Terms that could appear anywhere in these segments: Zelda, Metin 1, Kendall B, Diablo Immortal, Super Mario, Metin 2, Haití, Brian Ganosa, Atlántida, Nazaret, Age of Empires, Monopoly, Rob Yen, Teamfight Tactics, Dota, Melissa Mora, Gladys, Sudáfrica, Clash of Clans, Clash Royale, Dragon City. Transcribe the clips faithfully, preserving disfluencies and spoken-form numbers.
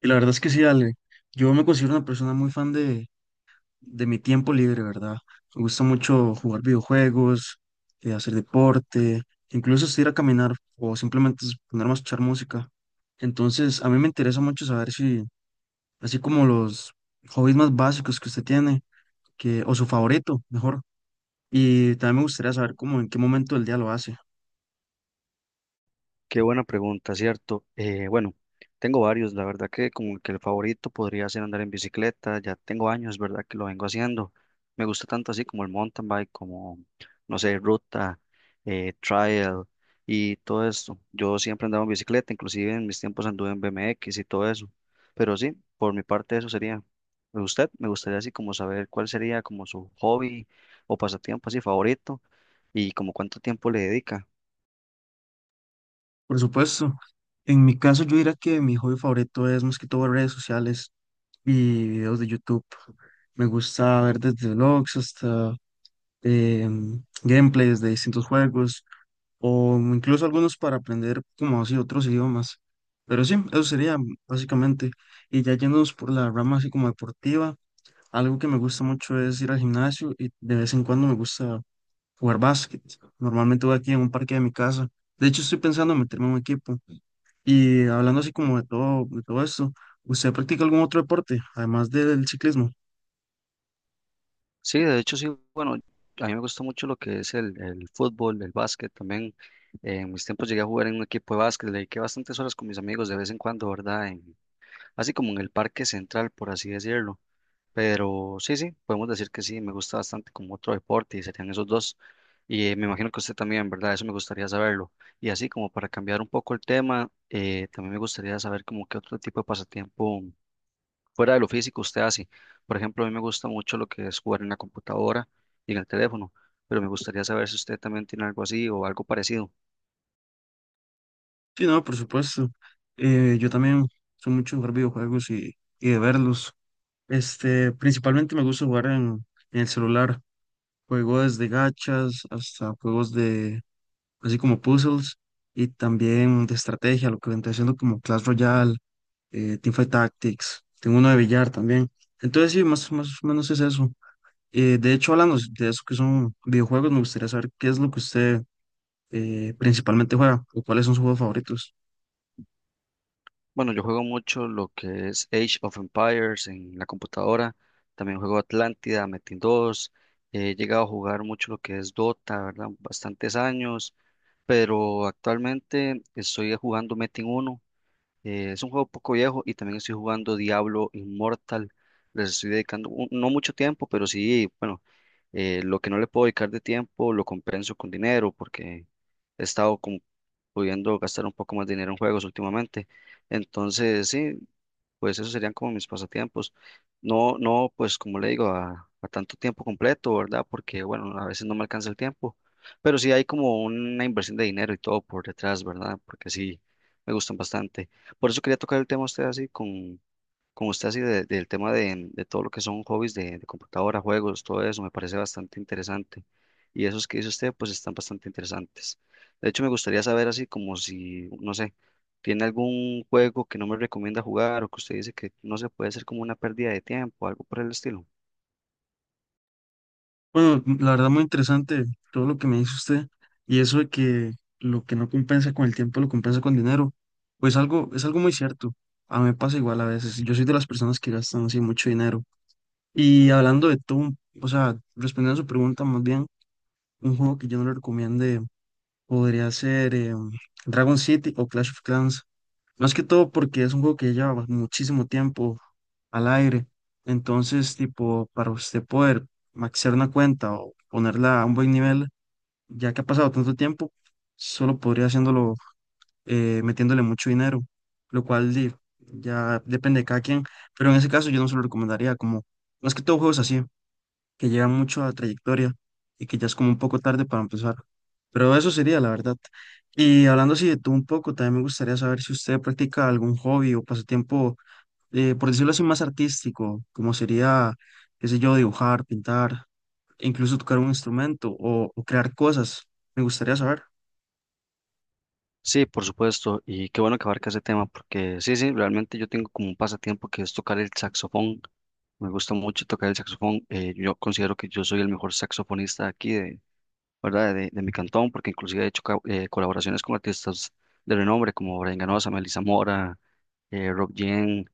Y la verdad es que sí, Ale. Yo me considero una persona muy fan de, de mi tiempo libre, ¿verdad? Me gusta mucho jugar videojuegos, eh, hacer deporte, incluso hasta ir a caminar o simplemente es ponerme a escuchar música. Entonces, a mí me interesa mucho saber si, así como los hobbies más básicos que usted tiene, que, o su favorito, mejor. Y también me gustaría saber cómo, en qué momento del día lo hace. Qué buena pregunta, ¿cierto? Eh, bueno, tengo varios, la verdad que como que el favorito podría ser andar en bicicleta, ya tengo años, ¿verdad? Que lo vengo haciendo. Me gusta tanto así como el mountain bike, como, no sé, ruta, eh, trail y todo esto. Yo siempre andaba en bicicleta, inclusive en mis tiempos anduve en B M X y todo eso. Pero sí, por mi parte eso sería. Usted, me gustaría así como saber cuál sería como su hobby o pasatiempo así favorito y como cuánto tiempo le dedica. Por supuesto, en mi caso yo diría que mi hobby favorito es más que todo redes sociales. Y videos de YouTube. Me gusta ver desde vlogs hasta em, gameplays de distintos juegos o incluso algunos para aprender como así otros idiomas. Pero sí, eso sería básicamente. Y ya yéndonos por la rama así como deportiva, algo que me gusta mucho es ir al gimnasio y de vez en cuando me gusta jugar básquet. Normalmente voy aquí en un parque de mi casa. De hecho, estoy pensando en meterme en un equipo. Y hablando así como de todo, de todo esto, ¿usted practica algún otro deporte, además del ciclismo? Sí, de hecho sí, bueno, a mí me gusta mucho lo que es el, el fútbol, el básquet también. Eh, en mis tiempos llegué a jugar en un equipo de básquet, le dediqué bastantes horas con mis amigos de vez en cuando, ¿verdad? En- así como en el parque central, por así decirlo. Pero sí, sí, podemos decir que sí, me gusta bastante como otro deporte y serían esos dos. Y eh, me imagino que usted también, ¿verdad? Eso me gustaría saberlo. Y así como para cambiar un poco el tema, eh, también me gustaría saber como qué otro tipo de pasatiempo fuera de lo físico usted hace. Por ejemplo, a mí me gusta mucho lo que es jugar en la computadora y en el teléfono, pero me gustaría saber si usted también tiene algo así o algo parecido. Sí, no, por supuesto. Eh, yo también soy mucho de jugar videojuegos y, y de verlos. Este, principalmente me gusta jugar en, en el celular. Juego desde gachas hasta juegos de, así como puzzles y también de estrategia, lo que vendría siendo como Clash Royale, eh, Teamfight Tactics. Tengo uno de billar también. Entonces, sí, más, más o menos es eso. Eh, de hecho, hablando de eso que son videojuegos, me gustaría saber qué es lo que usted eh, principalmente juega o cuáles son sus juegos favoritos. Bueno, yo juego mucho lo que es Age of Empires en la computadora, también juego Atlántida, Metin dos, he llegado a jugar mucho lo que es Dota, ¿verdad? Bastantes años, pero actualmente estoy jugando Metin uno. Eh, es un juego poco viejo y también estoy jugando Diablo Immortal. Les estoy dedicando un- no mucho tiempo, pero sí, bueno, eh, lo que no le puedo dedicar de tiempo lo compenso con dinero porque he estado como pudiendo gastar un poco más de dinero en juegos últimamente. Entonces, sí, pues esos serían como mis pasatiempos. No, no, pues como le digo, a, a tanto tiempo completo, ¿verdad? Porque, bueno, a veces no me alcanza el tiempo, pero sí hay como una inversión de dinero y todo por detrás, ¿verdad? Porque sí, me gustan bastante. Por eso quería tocar el tema a usted así, con, con usted así de- del tema de, de todo lo que son hobbies de, de computadora, juegos, todo eso, me parece bastante interesante. Y esos que dice usted, pues están bastante interesantes. De hecho, me gustaría saber así como si, no sé, tiene algún juego que no me recomienda jugar o que usted dice que no se puede hacer como una pérdida de tiempo, algo por el estilo. Bueno, la verdad muy interesante todo lo que me dice usted y eso de que lo que no compensa con el tiempo lo compensa con dinero, pues algo es algo muy cierto. A mí me pasa igual a veces. Yo soy de las personas que gastan así mucho dinero. Y hablando de todo, un- o sea, respondiendo a su pregunta más bien, un juego que yo no le recomiende podría ser em, Dragon City o Clash of Clans. Más que todo porque es un juego que lleva muchísimo tiempo al aire. Entonces, tipo, para usted poder maxear una cuenta o ponerla a un buen nivel, ya que ha pasado tanto tiempo, solo podría haciéndolo eh, metiéndole mucho dinero, lo cual di, ya depende de cada quien. Pero en ese caso yo no se lo recomendaría, como más que todo juegos así que llevan mucho a trayectoria y que ya es como un poco tarde para empezar. Pero eso sería la verdad. Y hablando así de tú un poco, también me gustaría saber si usted practica algún hobby o pasatiempo, eh, por decirlo así, más artístico, como sería, qué sé yo, dibujar, pintar, e incluso tocar un instrumento o, o crear cosas. Me gustaría saber. Sí, por supuesto, y qué bueno que abarca ese tema, porque sí, sí, realmente yo tengo como un pasatiempo que es tocar el saxofón. Me gusta mucho tocar el saxofón. Eh, yo considero que yo soy el mejor saxofonista aquí de, ¿verdad? De, de mi cantón, porque inclusive he hecho ca- eh, colaboraciones con artistas de renombre como Brian Ganosa, Melissa Mora, eh, Rob Yen,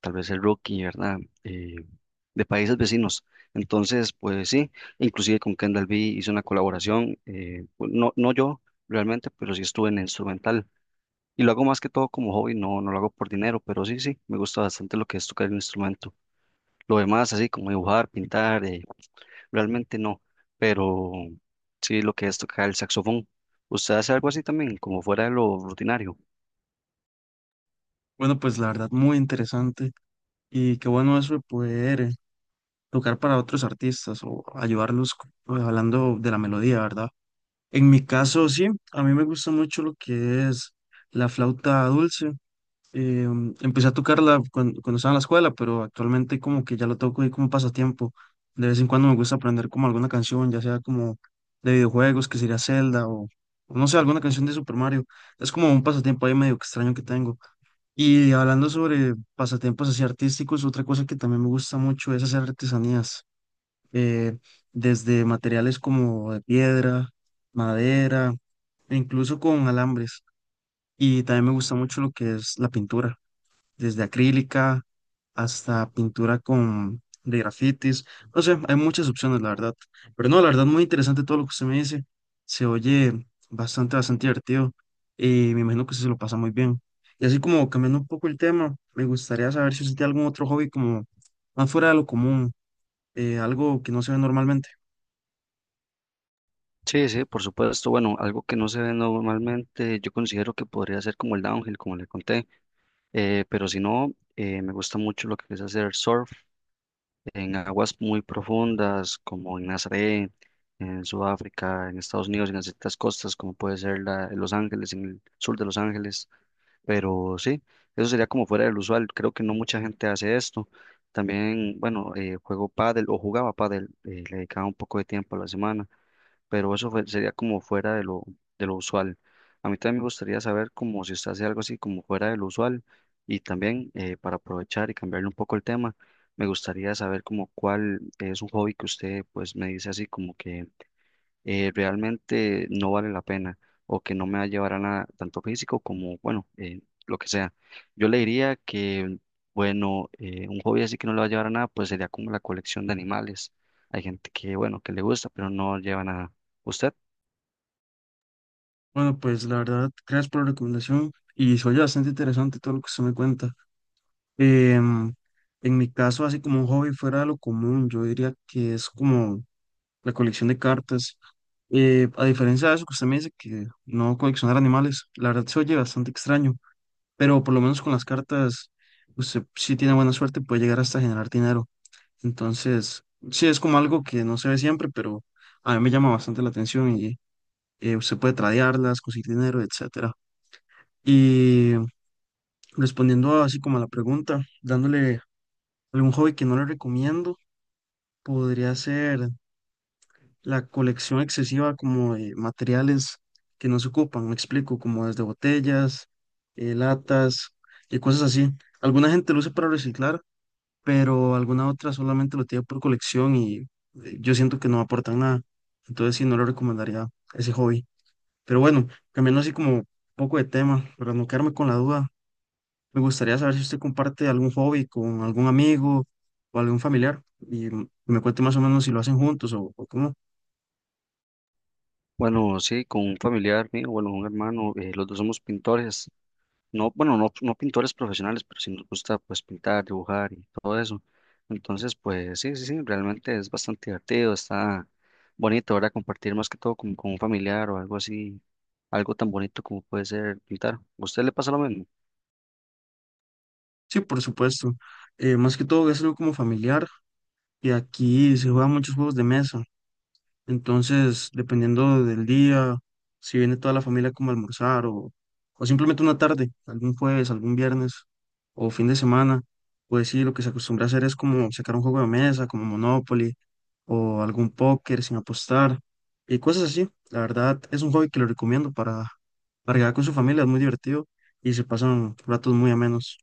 tal vez el Rookie, ¿verdad? Eh, de países vecinos. Entonces, pues sí, inclusive con Kendall B hice una colaboración, eh, pues, no, no yo realmente, pero sí estuve en el instrumental. Y lo hago más que todo como hobby, no, no lo hago por dinero, pero sí, sí, me gusta bastante lo que es tocar el instrumento. Lo demás, así como dibujar, pintar, eh, realmente no, pero sí lo que es tocar el saxofón. ¿Usted hace algo así también, como fuera de lo rutinario? Bueno, pues la verdad, muy interesante y qué bueno eso de poder eh, tocar para otros artistas o ayudarlos co- hablando de la melodía, ¿verdad? En mi caso, sí, a mí me gusta mucho lo que es la flauta dulce. Eh, Empecé a tocarla cuan- cuando, estaba en la escuela, pero actualmente como que ya lo toco ahí como pasatiempo. De vez en cuando me gusta aprender como alguna canción, ya sea como de videojuegos, que sería Zelda o, o no sé, alguna canción de Super Mario. Es como un pasatiempo ahí medio extraño que tengo. Y hablando sobre pasatiempos así artísticos, otra cosa que también me gusta mucho es hacer artesanías, eh, desde materiales como de piedra, madera, e incluso con alambres. Y también me gusta mucho lo que es la pintura, desde acrílica hasta pintura con de grafitis. No sé, hay muchas opciones, la verdad. Pero no, la verdad, muy interesante todo lo que usted me dice. Se oye bastante, bastante divertido y me imagino que usted se lo pasa muy bien. Y así como cambiando un poco el tema, me gustaría saber si usted tiene algún otro hobby como más fuera de lo común, eh, algo que no se ve normalmente. Sí, sí, por supuesto. Bueno, algo que no se ve normalmente, yo considero que podría ser como el downhill, como le conté, eh, pero si no, eh, me gusta mucho lo que es hacer surf en aguas muy profundas, como en Nazaret, en Sudáfrica, en Estados Unidos, en ciertas costas, como puede ser la- Los Ángeles, en el sur de Los Ángeles. Pero sí, eso sería como fuera del usual. Creo que no mucha gente hace esto. También, bueno, eh, juego pádel o jugaba pádel, eh, le dedicaba un poco de tiempo a la semana, pero eso fue- sería como fuera de lo, de lo usual. A mí también me gustaría saber como si usted hace algo así como fuera de lo usual y también eh, para aprovechar y cambiarle un poco el tema, me gustaría saber como cuál es un hobby que usted pues me dice así como que eh, realmente no vale la pena o que no me va a llevar a nada, tanto físico como, bueno, eh, lo que sea. Yo le diría que, bueno, eh, un hobby así que no le va a llevar a nada, pues sería como la colección de animales. Hay gente que, bueno, que le gusta, pero no lleva nada. ¿Usted? Bueno, pues la verdad, gracias por la recomendación y soy bastante interesante todo lo que usted me cuenta. Em, en mi caso, así como un hobby fuera de lo común, yo diría que es como la colección de cartas. Eh, a diferencia de eso que usted me dice que no coleccionar animales, la verdad se oye bastante extraño, pero por lo menos con las cartas, usted si tiene buena suerte puede llegar hasta generar dinero. Entonces, sí es como algo que no se ve siempre, pero a mí me llama bastante la atención y eh, usted puede tradearlas, conseguir dinero, etcétera, y respondiendo así como a la pregunta, dándole algún hobby que no le recomiendo, podría ser la colección excesiva como de materiales que no se ocupan, me explico, como desde botellas, eh, latas y cosas así. Alguna gente lo usa para reciclar, pero alguna otra solamente lo tiene por colección y eh, yo siento que no aportan nada. Entonces sí, no le recomendaría ese hobby. Pero bueno, cambiando así como un poco de tema, para no quedarme con la duda. Me gustaría saber si usted comparte algún hobby con algún amigo o algún familiar y m- me cuente más o menos si lo hacen juntos o, o cómo. Bueno, sí, con un familiar mío, bueno, un hermano, eh, los dos somos pintores. No, bueno, no, no pintores profesionales, pero sí nos gusta pues pintar, dibujar y todo eso. Entonces, pues sí, sí, sí, realmente es bastante divertido, está bonito, ahora compartir más que todo como con un familiar o algo así, algo tan bonito como puede ser pintar. ¿A usted le pasa lo mismo? Sí, por supuesto. Eh, más que todo es algo como familiar y aquí se juegan muchos juegos de mesa. Entonces, dependiendo del día, si viene toda la familia como a almorzar o, o simplemente una tarde, algún jueves, algún viernes o fin de semana, pues sí, lo que se acostumbra a hacer es como sacar un juego de mesa, como Monopoly o algún póker sin apostar y cosas así. La verdad, es un hobby que lo recomiendo para, para llegar con su familia, es muy divertido y se pasan ratos muy amenos.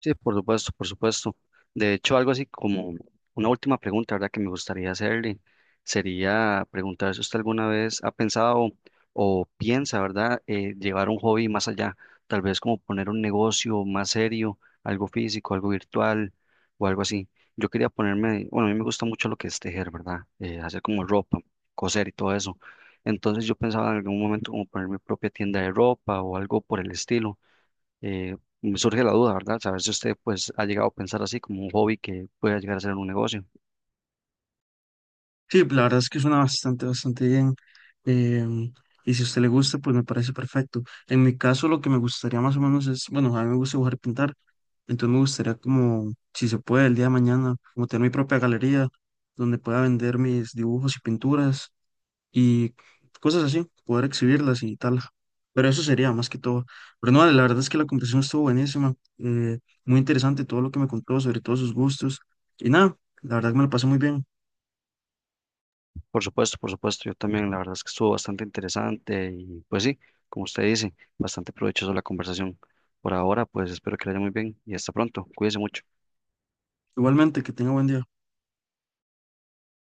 Sí, por supuesto, por supuesto. De hecho, algo así como una última pregunta, ¿verdad? Que me gustaría hacerle sería preguntar si usted alguna vez ha pensado o piensa, ¿verdad? eh, llevar un hobby más allá, tal vez como poner un negocio más serio, algo físico, algo virtual o algo así. Yo quería ponerme, bueno, a mí me gusta mucho lo que es tejer, ¿verdad? eh, hacer como ropa, coser y todo eso. Entonces yo pensaba en algún momento como poner mi propia tienda de ropa o algo por el estilo. Eh, me surge la duda, ¿verdad? Saber si usted pues ha llegado a pensar así como un hobby que pueda llegar a ser un negocio. Sí, la verdad es que suena bastante, bastante bien. em, y si a usted le gusta, pues me parece perfecto. En mi caso, lo que me gustaría más o menos es, bueno, a mí me gusta dibujar y pintar, entonces me gustaría como, si se puede, el día de mañana, como tener mi propia galería donde pueda vender mis dibujos y pinturas y cosas así, poder exhibirlas y tal. Pero eso sería más que todo. Pero no, la verdad es que la conversación estuvo buenísima, eh, muy interesante todo lo que me contó, sobre todos sus gustos. Y nada, la verdad que me lo pasé muy bien. Por supuesto, por supuesto, yo también, la verdad es que estuvo bastante interesante y pues sí, como usted dice, bastante provechoso la conversación. Por ahora, pues espero que le haya muy bien y hasta pronto. Cuídese mucho. Igualmente, que tenga buen día.